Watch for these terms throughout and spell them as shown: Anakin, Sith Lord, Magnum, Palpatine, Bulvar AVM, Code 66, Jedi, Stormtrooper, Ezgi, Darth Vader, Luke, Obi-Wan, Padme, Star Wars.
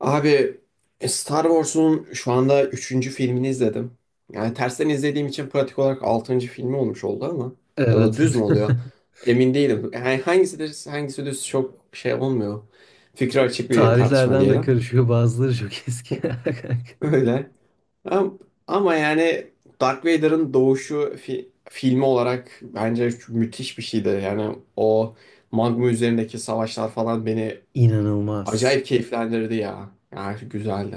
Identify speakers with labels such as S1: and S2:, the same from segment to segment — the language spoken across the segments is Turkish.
S1: Abi Star Wars'un şu anda üçüncü filmini izledim. Yani tersten izlediğim için pratik olarak altıncı filmi olmuş oldu ama ya da
S2: Evet.
S1: düz mü oluyor? Emin değilim. Yani hangisi düz, hangisi düz çok şey olmuyor. Fikri açık bir tartışma
S2: Tarihlerden de
S1: diyelim.
S2: karışıyor. Bazıları çok eski. Kanka.
S1: Öyle. Ama, ama yani Darth Vader'ın doğuşu filmi olarak bence çok müthiş bir şeydi. Yani o Magnum üzerindeki savaşlar falan beni
S2: İnanılmaz.
S1: acayip keyiflendirdi ya. Yani güzeldi.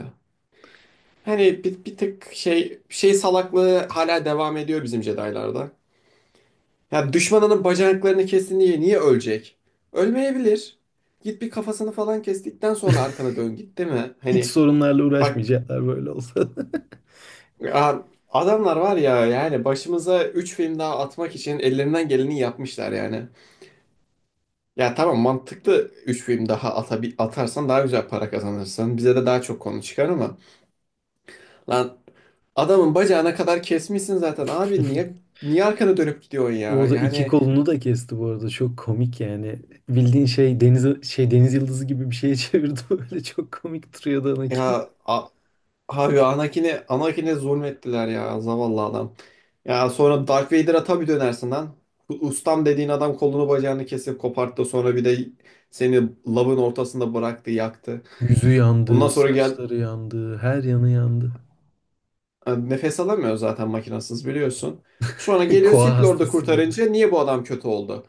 S1: Hani bir tık şey salaklığı hala devam ediyor bizim Jedi'larda. Ya düşmanının bacaklarını kestin diye niye ölecek? Ölmeyebilir. Git bir kafasını falan kestikten sonra arkana dön git, değil mi?
S2: Hiç
S1: Hani
S2: sorunlarla
S1: bak,
S2: uğraşmayacaklar böyle olsa.
S1: a- adamlar var ya, yani başımıza 3 film daha atmak için ellerinden geleni yapmışlar yani. Ya tamam, mantıklı, 3 film daha atarsan daha güzel para kazanırsın. Bize de daha çok konu çıkar ama lan, adamın bacağına kadar kesmişsin zaten abi, niye arkana dönüp gidiyorsun ya?
S2: Orada iki
S1: Yani
S2: kolunu da kesti bu arada. Çok komik yani. Bildiğin şey deniz yıldızı gibi bir şeye çevirdi böyle. Çok komik duruyordu Anakin.
S1: ya abi, Anakin'e zulmettiler ya, zavallı adam. Ya sonra Darth Vader'a tabii dönersin lan. Bu ustam dediğin adam kolunu bacağını kesip koparttı, sonra bir de seni lavın ortasında bıraktı yaktı.
S2: Yüzü
S1: Ondan
S2: yandı,
S1: sonra gel,
S2: saçları yandı, her yanı yandı.
S1: nefes alamıyor zaten makinasız, biliyorsun. Sonra geliyor
S2: Koa
S1: Sith Lord'u
S2: hastası gibi.
S1: kurtarınca, niye bu adam kötü oldu?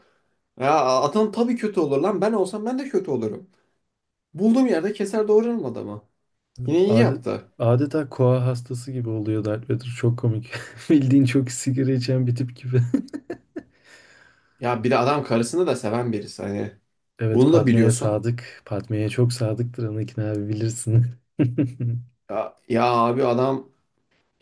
S1: Ya adam tabii kötü olur lan, ben olsam ben de kötü olurum. Bulduğum yerde keser doğrarım adamı. Yine iyi
S2: Adet,
S1: yaptı.
S2: Adeta koa hastası gibi oluyor Darth Vader. Çok komik. Bildiğin çok sigara içen bir tip gibi.
S1: Ya bir de adam karısını da seven birisi hani.
S2: Evet,
S1: Bunu da
S2: Padme'ye
S1: biliyorsun.
S2: sadık. Padme'ye çok sadıktır Anakin abi, bilirsin.
S1: Ya, abi adam...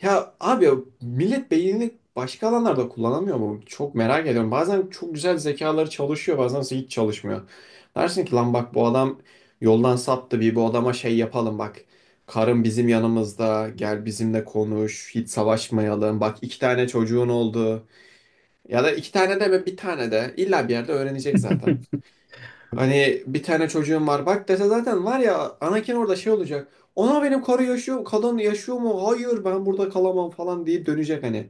S1: Ya abi, millet beynini başka alanlarda kullanamıyor mu? Çok merak ediyorum. Bazen çok güzel zekaları çalışıyor, bazen ise hiç çalışmıyor. Dersin ki lan bak, bu adam yoldan saptı, bir bu adama şey yapalım bak. Karın bizim yanımızda, gel bizimle konuş, hiç savaşmayalım. Bak iki tane çocuğun oldu. Ya da iki tane de ve bir tane de illa bir yerde öğrenecek zaten. Hani bir tane çocuğum var bak dese zaten var ya, Anakin orada şey olacak. Ona benim karı yaşıyor, kadın yaşıyor mu? Hayır ben burada kalamam falan deyip dönecek hani.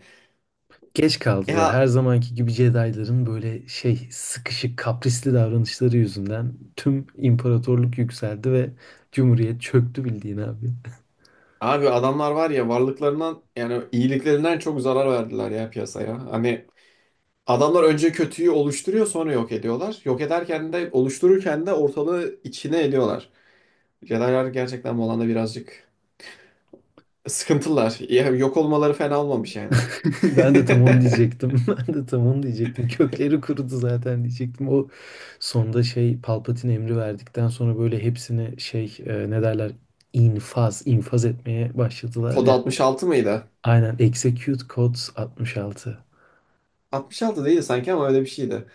S2: Geç kaldılar.
S1: Ya
S2: Her zamanki gibi Jedi'ların böyle şey sıkışık, kaprisli davranışları yüzünden tüm imparatorluk yükseldi ve Cumhuriyet çöktü bildiğin abi.
S1: abi, adamlar var ya, varlıklarından yani iyiliklerinden çok zarar verdiler ya piyasaya. Hani adamlar önce kötüyü oluşturuyor, sonra yok ediyorlar. Yok ederken de oluştururken de ortalığı içine ediyorlar. Jedi'lar gerçekten bu alanda birazcık sıkıntılar. Ya, yok olmaları fena olmamış yani.
S2: Ben de tam onu diyecektim. Ben de tam onu diyecektim. Kökleri kurudu zaten diyecektim. O sonda şey Palpatine emri verdikten sonra böyle hepsini şey ne derler, infaz etmeye
S1: Kod
S2: başladılar.
S1: 66 mıydı?
S2: Aynen, execute codes 66.
S1: 66 değil sanki ama öyle bir şeydi.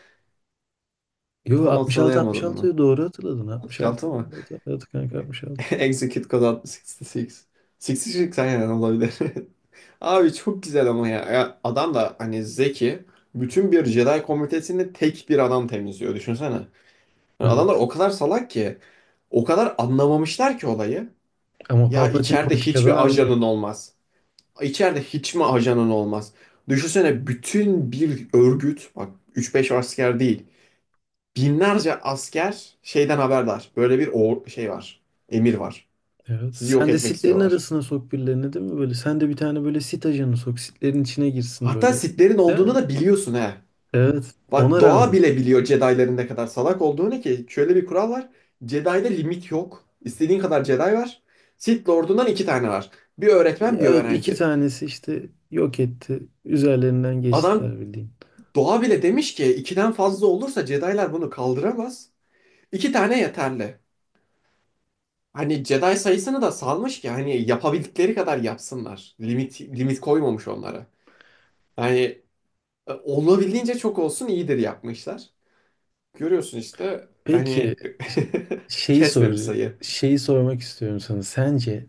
S2: Yo,
S1: Tam
S2: 66,
S1: hatırlayamadım mı?
S2: 66 doğru hatırladın. 66,
S1: 66 mı?
S2: evet, evet kanka, 66.
S1: Execute Code 66. 66 aynen olabilir. Abi çok güzel ama ya. Ya adam da hani zeki. Bütün bir Jedi komitesini tek bir adam temizliyor. Düşünsene. Yani
S2: Evet.
S1: adamlar o kadar salak ki. O kadar anlamamışlar ki olayı.
S2: Ama
S1: Ya
S2: Palpatine
S1: içeride
S2: politikadan
S1: hiçbir
S2: anlıyor.
S1: ajanın olmaz. İçeride hiç mi ajanın olmaz? Düşünsene bütün bir örgüt. Bak, 3-5 asker değil. Binlerce asker şeyden haberdar. Böyle bir o şey var. Emir var.
S2: Evet.
S1: Sizi yok
S2: Sen de
S1: etmek
S2: sitlerin
S1: istiyorlar.
S2: arasına sok birilerini, değil mi, böyle? Sen de bir tane böyle sit ajanı sok. Sitlerin içine girsin
S1: Hatta
S2: böyle.
S1: Sith'lerin
S2: Değil
S1: olduğunu
S2: mi?
S1: da biliyorsun he.
S2: Evet.
S1: Bak,
S2: Ona
S1: doğa
S2: rağmen.
S1: bile biliyor Jedi'ların ne kadar salak olduğunu ki. Şöyle bir kural var. Jedi'de limit yok. İstediğin kadar Jedi var. Sith Lord'undan iki tane var. Bir öğretmen bir
S2: Evet, iki
S1: öğrenci.
S2: tanesi işte yok etti. Üzerlerinden
S1: Adam,
S2: geçtiler bildiğin.
S1: doğa bile demiş ki ikiden fazla olursa Jedi'lar bunu kaldıramaz. İki tane yeterli. Hani Jedi sayısını da salmış ki hani yapabildikleri kadar yapsınlar. Limit limit koymamış onlara. Hani olabildiğince çok olsun iyidir yapmışlar. Görüyorsun işte
S2: Peki,
S1: hani
S2: ş- şeyi
S1: kesmemiş sayı.
S2: şeyi sormak istiyorum sana. Sence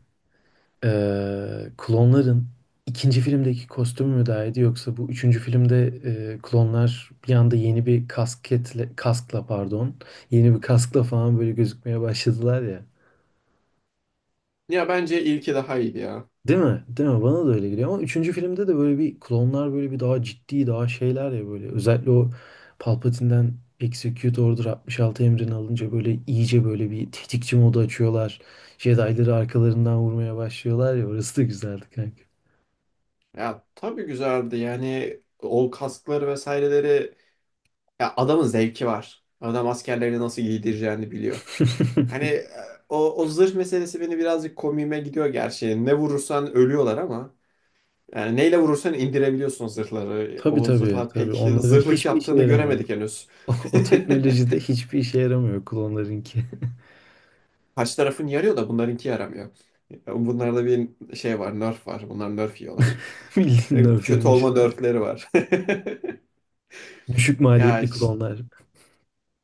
S2: klonların ikinci filmdeki kostümü mü daha iyiydi, yoksa bu üçüncü filmde klonlar bir anda yeni bir kaskla, yeni bir kaskla falan böyle gözükmeye başladılar ya.
S1: Ya bence ilki daha iyiydi ya.
S2: Değil mi? Değil mi? Bana da öyle geliyor, ama üçüncü filmde de böyle bir klonlar böyle bir daha ciddi daha şeyler ya, böyle özellikle o Palpatine'den Execute Order 66 emrini alınca böyle iyice böyle bir tetikçi modu açıyorlar. Jedi'ları arkalarından vurmaya başlıyorlar ya, orası da güzeldi kanka.
S1: Ya tabii güzeldi yani o kaskları vesaireleri. Ya adamın zevki var. Adam askerlerini nasıl giydireceğini biliyor. Hani o zırh meselesi beni birazcık komiğime gidiyor gerçi. Ne vurursan ölüyorlar ama. Yani neyle vurursan indirebiliyorsun zırhları.
S2: Tabii,
S1: O
S2: tabii,
S1: zırhlar
S2: tabii,
S1: pek
S2: onların
S1: zırhlık
S2: hiçbir işe
S1: yaptığını
S2: yaramıyor.
S1: göremedik henüz.
S2: O teknolojide hiçbir işe yaramıyor klonlarınki.
S1: Kaç tarafın yarıyor da bunlarınki yaramıyor. Bunlarda bir şey var, nerf var. Bunlar nerf yiyorlar.
S2: Bildiğin nerf
S1: Kötü olma
S2: yemişler.
S1: nerfleri var.
S2: Düşük
S1: Ya,
S2: maliyetli klonlar.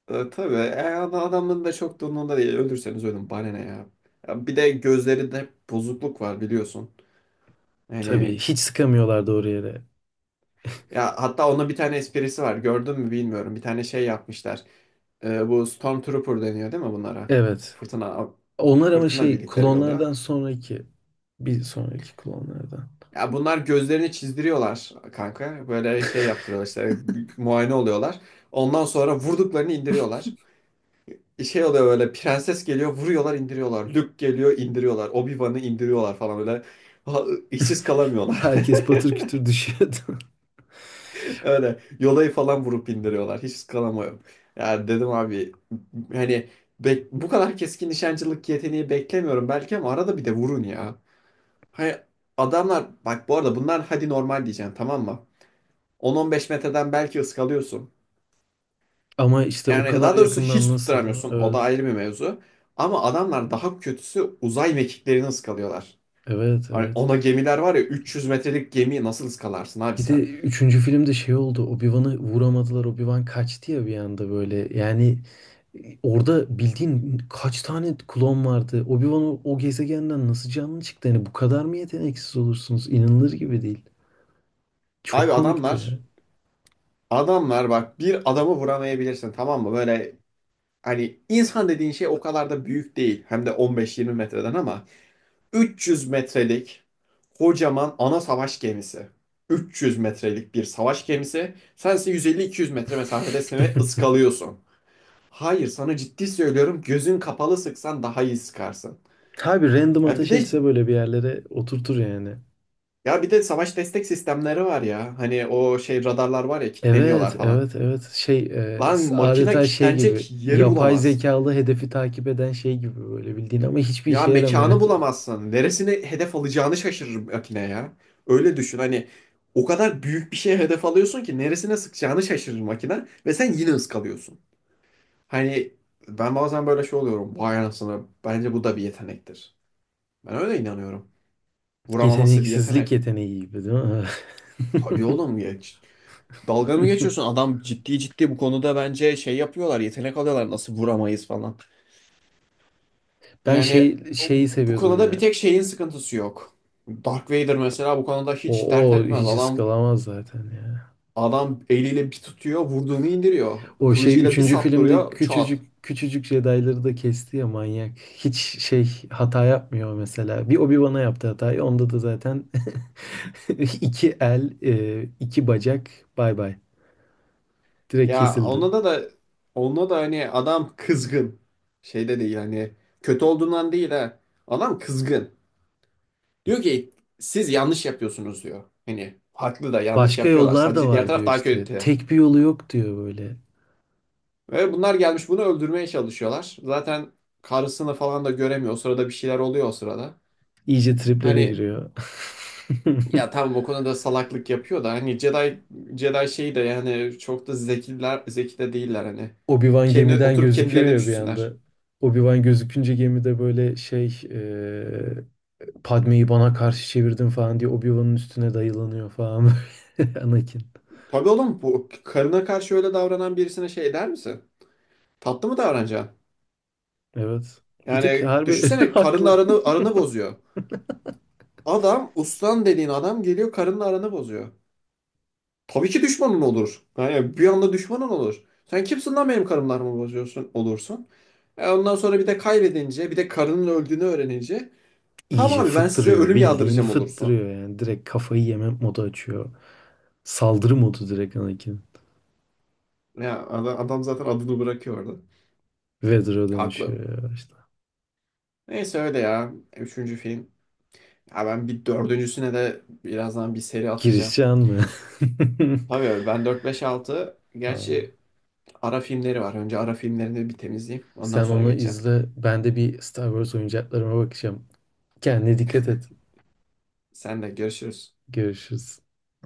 S1: Tabii, adamın da çok da umurunda değil. Ölürseniz ölün bana ne ya. Ya bir de gözlerinde bozukluk var, biliyorsun.
S2: Tabii
S1: Hani,
S2: hiç sıkamıyorlar doğru yere.
S1: ya hatta onun bir tane esprisi var. Gördün mü bilmiyorum. Bir tane şey yapmışlar. Bu Stormtrooper deniyor değil mi bunlara?
S2: Evet.
S1: Fırtına
S2: Onlar ama
S1: fırtına
S2: şey
S1: birlikleri
S2: klonlardan
S1: oluyor.
S2: sonraki, bir sonraki klonlardan.
S1: Ya bunlar gözlerini çizdiriyorlar kanka. Böyle şey yaptırıyorlar işte, muayene oluyorlar. Ondan sonra vurduklarını indiriyorlar. Şey oluyor böyle, prenses geliyor vuruyorlar indiriyorlar. Luke geliyor indiriyorlar. Obi-Wan'ı indiriyorlar falan böyle. Ha, hiçsiz kalamıyorlar.
S2: Herkes patır kütür düşüyordu.
S1: Öyle yola'yı falan vurup indiriyorlar. Hiçsiz kalamıyorum. Yani dedim abi, hani bu kadar keskin nişancılık yeteneği beklemiyorum belki ama arada bir de vurun ya. Hani adamlar, bak bu arada, bunlar hadi normal diyeceksin tamam mı? 10-15 metreden belki ıskalıyorsun.
S2: Ama işte o
S1: Yani
S2: kadar
S1: daha doğrusu
S2: yakından,
S1: hiç
S2: nasıl, değil mi?
S1: tutturamıyorsun. O da
S2: Evet.
S1: ayrı bir mevzu. Ama adamlar daha kötüsü uzay mekiklerini ıskalıyorlar.
S2: Evet,
S1: Hani
S2: evet.
S1: ona gemiler var ya, 300 metrelik gemiyi nasıl ıskalarsın abi
S2: Bir de
S1: sen?
S2: üçüncü filmde şey oldu. Obi-Wan'ı vuramadılar. Obi-Wan kaçtı ya bir anda böyle. Yani, orada bildiğin kaç tane klon vardı? Obi-Wan o gezegenden nasıl canlı çıktı? Yani bu kadar mı yeteneksiz olursunuz? İnanılır gibi değil. Çok
S1: Abi
S2: komikti
S1: adamlar
S2: ya.
S1: adamlar bak, bir adamı vuramayabilirsin tamam mı? Böyle hani insan dediğin şey o kadar da büyük değil. Hem de 15-20 metreden, ama 300 metrelik kocaman ana savaş gemisi. 300 metrelik bir savaş gemisi. Sense 150-200 metre mesafedesin ve ıskalıyorsun. Hayır sana ciddi söylüyorum, gözün kapalı sıksan daha iyi sıkarsın.
S2: Tabii, random
S1: Ya bir
S2: ateş
S1: de
S2: etse böyle bir yerlere oturtur yani.
S1: Ya bir de savaş destek sistemleri var ya. Hani o şey radarlar var ya,
S2: Evet,
S1: kilitleniyorlar falan.
S2: evet, evet. Şey,
S1: Lan makine
S2: adeta şey
S1: kilitlenecek
S2: gibi.
S1: yeri
S2: Yapay
S1: bulamaz.
S2: zekalı hedefi takip eden şey gibi böyle bildiğin, ama hiçbir
S1: Ya
S2: işe yaramıyor.
S1: mekanı bulamazsın. Neresini hedef alacağını şaşırır makine ya. Öyle düşün hani, o kadar büyük bir şeye hedef alıyorsun ki neresine sıkacağını şaşırır makine ve sen yine ıskalıyorsun. Hani ben bazen böyle şey oluyorum. Vay anasını, bence bu da bir yetenektir. Ben öyle inanıyorum. Vuramaması bir
S2: Yeteneksizlik
S1: yetenek.
S2: yeteneği gibi, değil mi?
S1: Tabii oğlum ya. Dalga mı geçiyorsun? Adam ciddi ciddi bu konuda bence şey yapıyorlar, yetenek alıyorlar nasıl vuramayız falan.
S2: Ben
S1: Yani
S2: şeyi
S1: bu
S2: seviyordum
S1: konuda bir
S2: ya.
S1: tek şeyin sıkıntısı yok. Dark Vader mesela bu konuda
S2: O,
S1: hiç dert
S2: o
S1: etmez.
S2: hiç
S1: Adam
S2: ıskalamaz zaten ya.
S1: adam eliyle bir tutuyor, vurduğunu indiriyor.
S2: O şey
S1: Kılıcıyla bir
S2: üçüncü filmde
S1: saptırıyor, çat.
S2: küçücük küçücük Jedi'ları da kesti ya, manyak. Hiç şey hata yapmıyor mesela. Bir Obi-Wan'a yaptı hatayı. Onda da zaten iki el, iki bacak, bay bay. Direkt
S1: Ya
S2: kesildi.
S1: onda da onda da hani adam kızgın. Şeyde değil hani, kötü olduğundan değil ha. Adam kızgın. Diyor ki siz yanlış yapıyorsunuz diyor. Hani haklı da, yanlış
S2: Başka
S1: yapıyorlar.
S2: yollar da
S1: Sadece diğer
S2: var
S1: taraf
S2: diyor
S1: daha
S2: işte.
S1: kötü.
S2: Tek bir yolu yok diyor böyle.
S1: Ve bunlar gelmiş bunu öldürmeye çalışıyorlar. Zaten karısını falan da göremiyor. O sırada bir şeyler oluyor o sırada.
S2: İyice triplere
S1: Hani,
S2: giriyor.
S1: ya tamam o konuda salaklık yapıyor da, hani Jedi şeyi de yani çok da zekiler, zeki de değiller hani.
S2: Obi-Wan
S1: Kendi
S2: gemiden
S1: oturup
S2: gözüküyor
S1: kendilerine
S2: ya bir anda.
S1: düşünsünler.
S2: Obi-Wan gözükünce gemide böyle şey Padme'yi bana karşı çevirdin falan diye Obi-Wan'ın üstüne dayılanıyor falan böyle. Anakin.
S1: Tabii oğlum, bu karına karşı öyle davranan birisine şey der misin? Tatlı mı davranacaksın?
S2: Evet. Bir tık
S1: Yani
S2: harbi
S1: düşünsene, karının
S2: haklı.
S1: aranı bozuyor. Adam ustan dediğin adam geliyor karının aranı bozuyor. Tabii ki düşmanın olur. Yani bir anda düşmanın olur. Sen kimsin lan benim karımlarımı bozuyorsun olursun. Ondan sonra bir de kaybedince, bir de karının öldüğünü öğrenince, tamam
S2: İyice
S1: abi ben size
S2: fıttırıyor.
S1: ölüm
S2: Bildiğin
S1: yağdıracağım olursun.
S2: fıttırıyor yani. Direkt kafayı yeme modu açıyor. Saldırı modu direkt Anakin.
S1: Ya adam zaten adını bırakıyordu.
S2: Vader'a
S1: Haklı.
S2: dönüşüyor ya işte.
S1: Neyse öyle ya. Üçüncü film. Ya ben bir dördüncüsüne de birazdan bir seri atacağım.
S2: Girişen mı?
S1: Tabii öyle. Ben dört beş altı. Gerçi
S2: Aa.
S1: ara filmleri var. Önce ara filmlerini bir temizleyeyim. Ondan
S2: Sen
S1: sonra
S2: onu
S1: geçeceğim.
S2: izle. Ben de bir Star Wars oyuncaklarıma bakacağım. Kendine dikkat et.
S1: Sen de görüşürüz.
S2: Görüşürüz.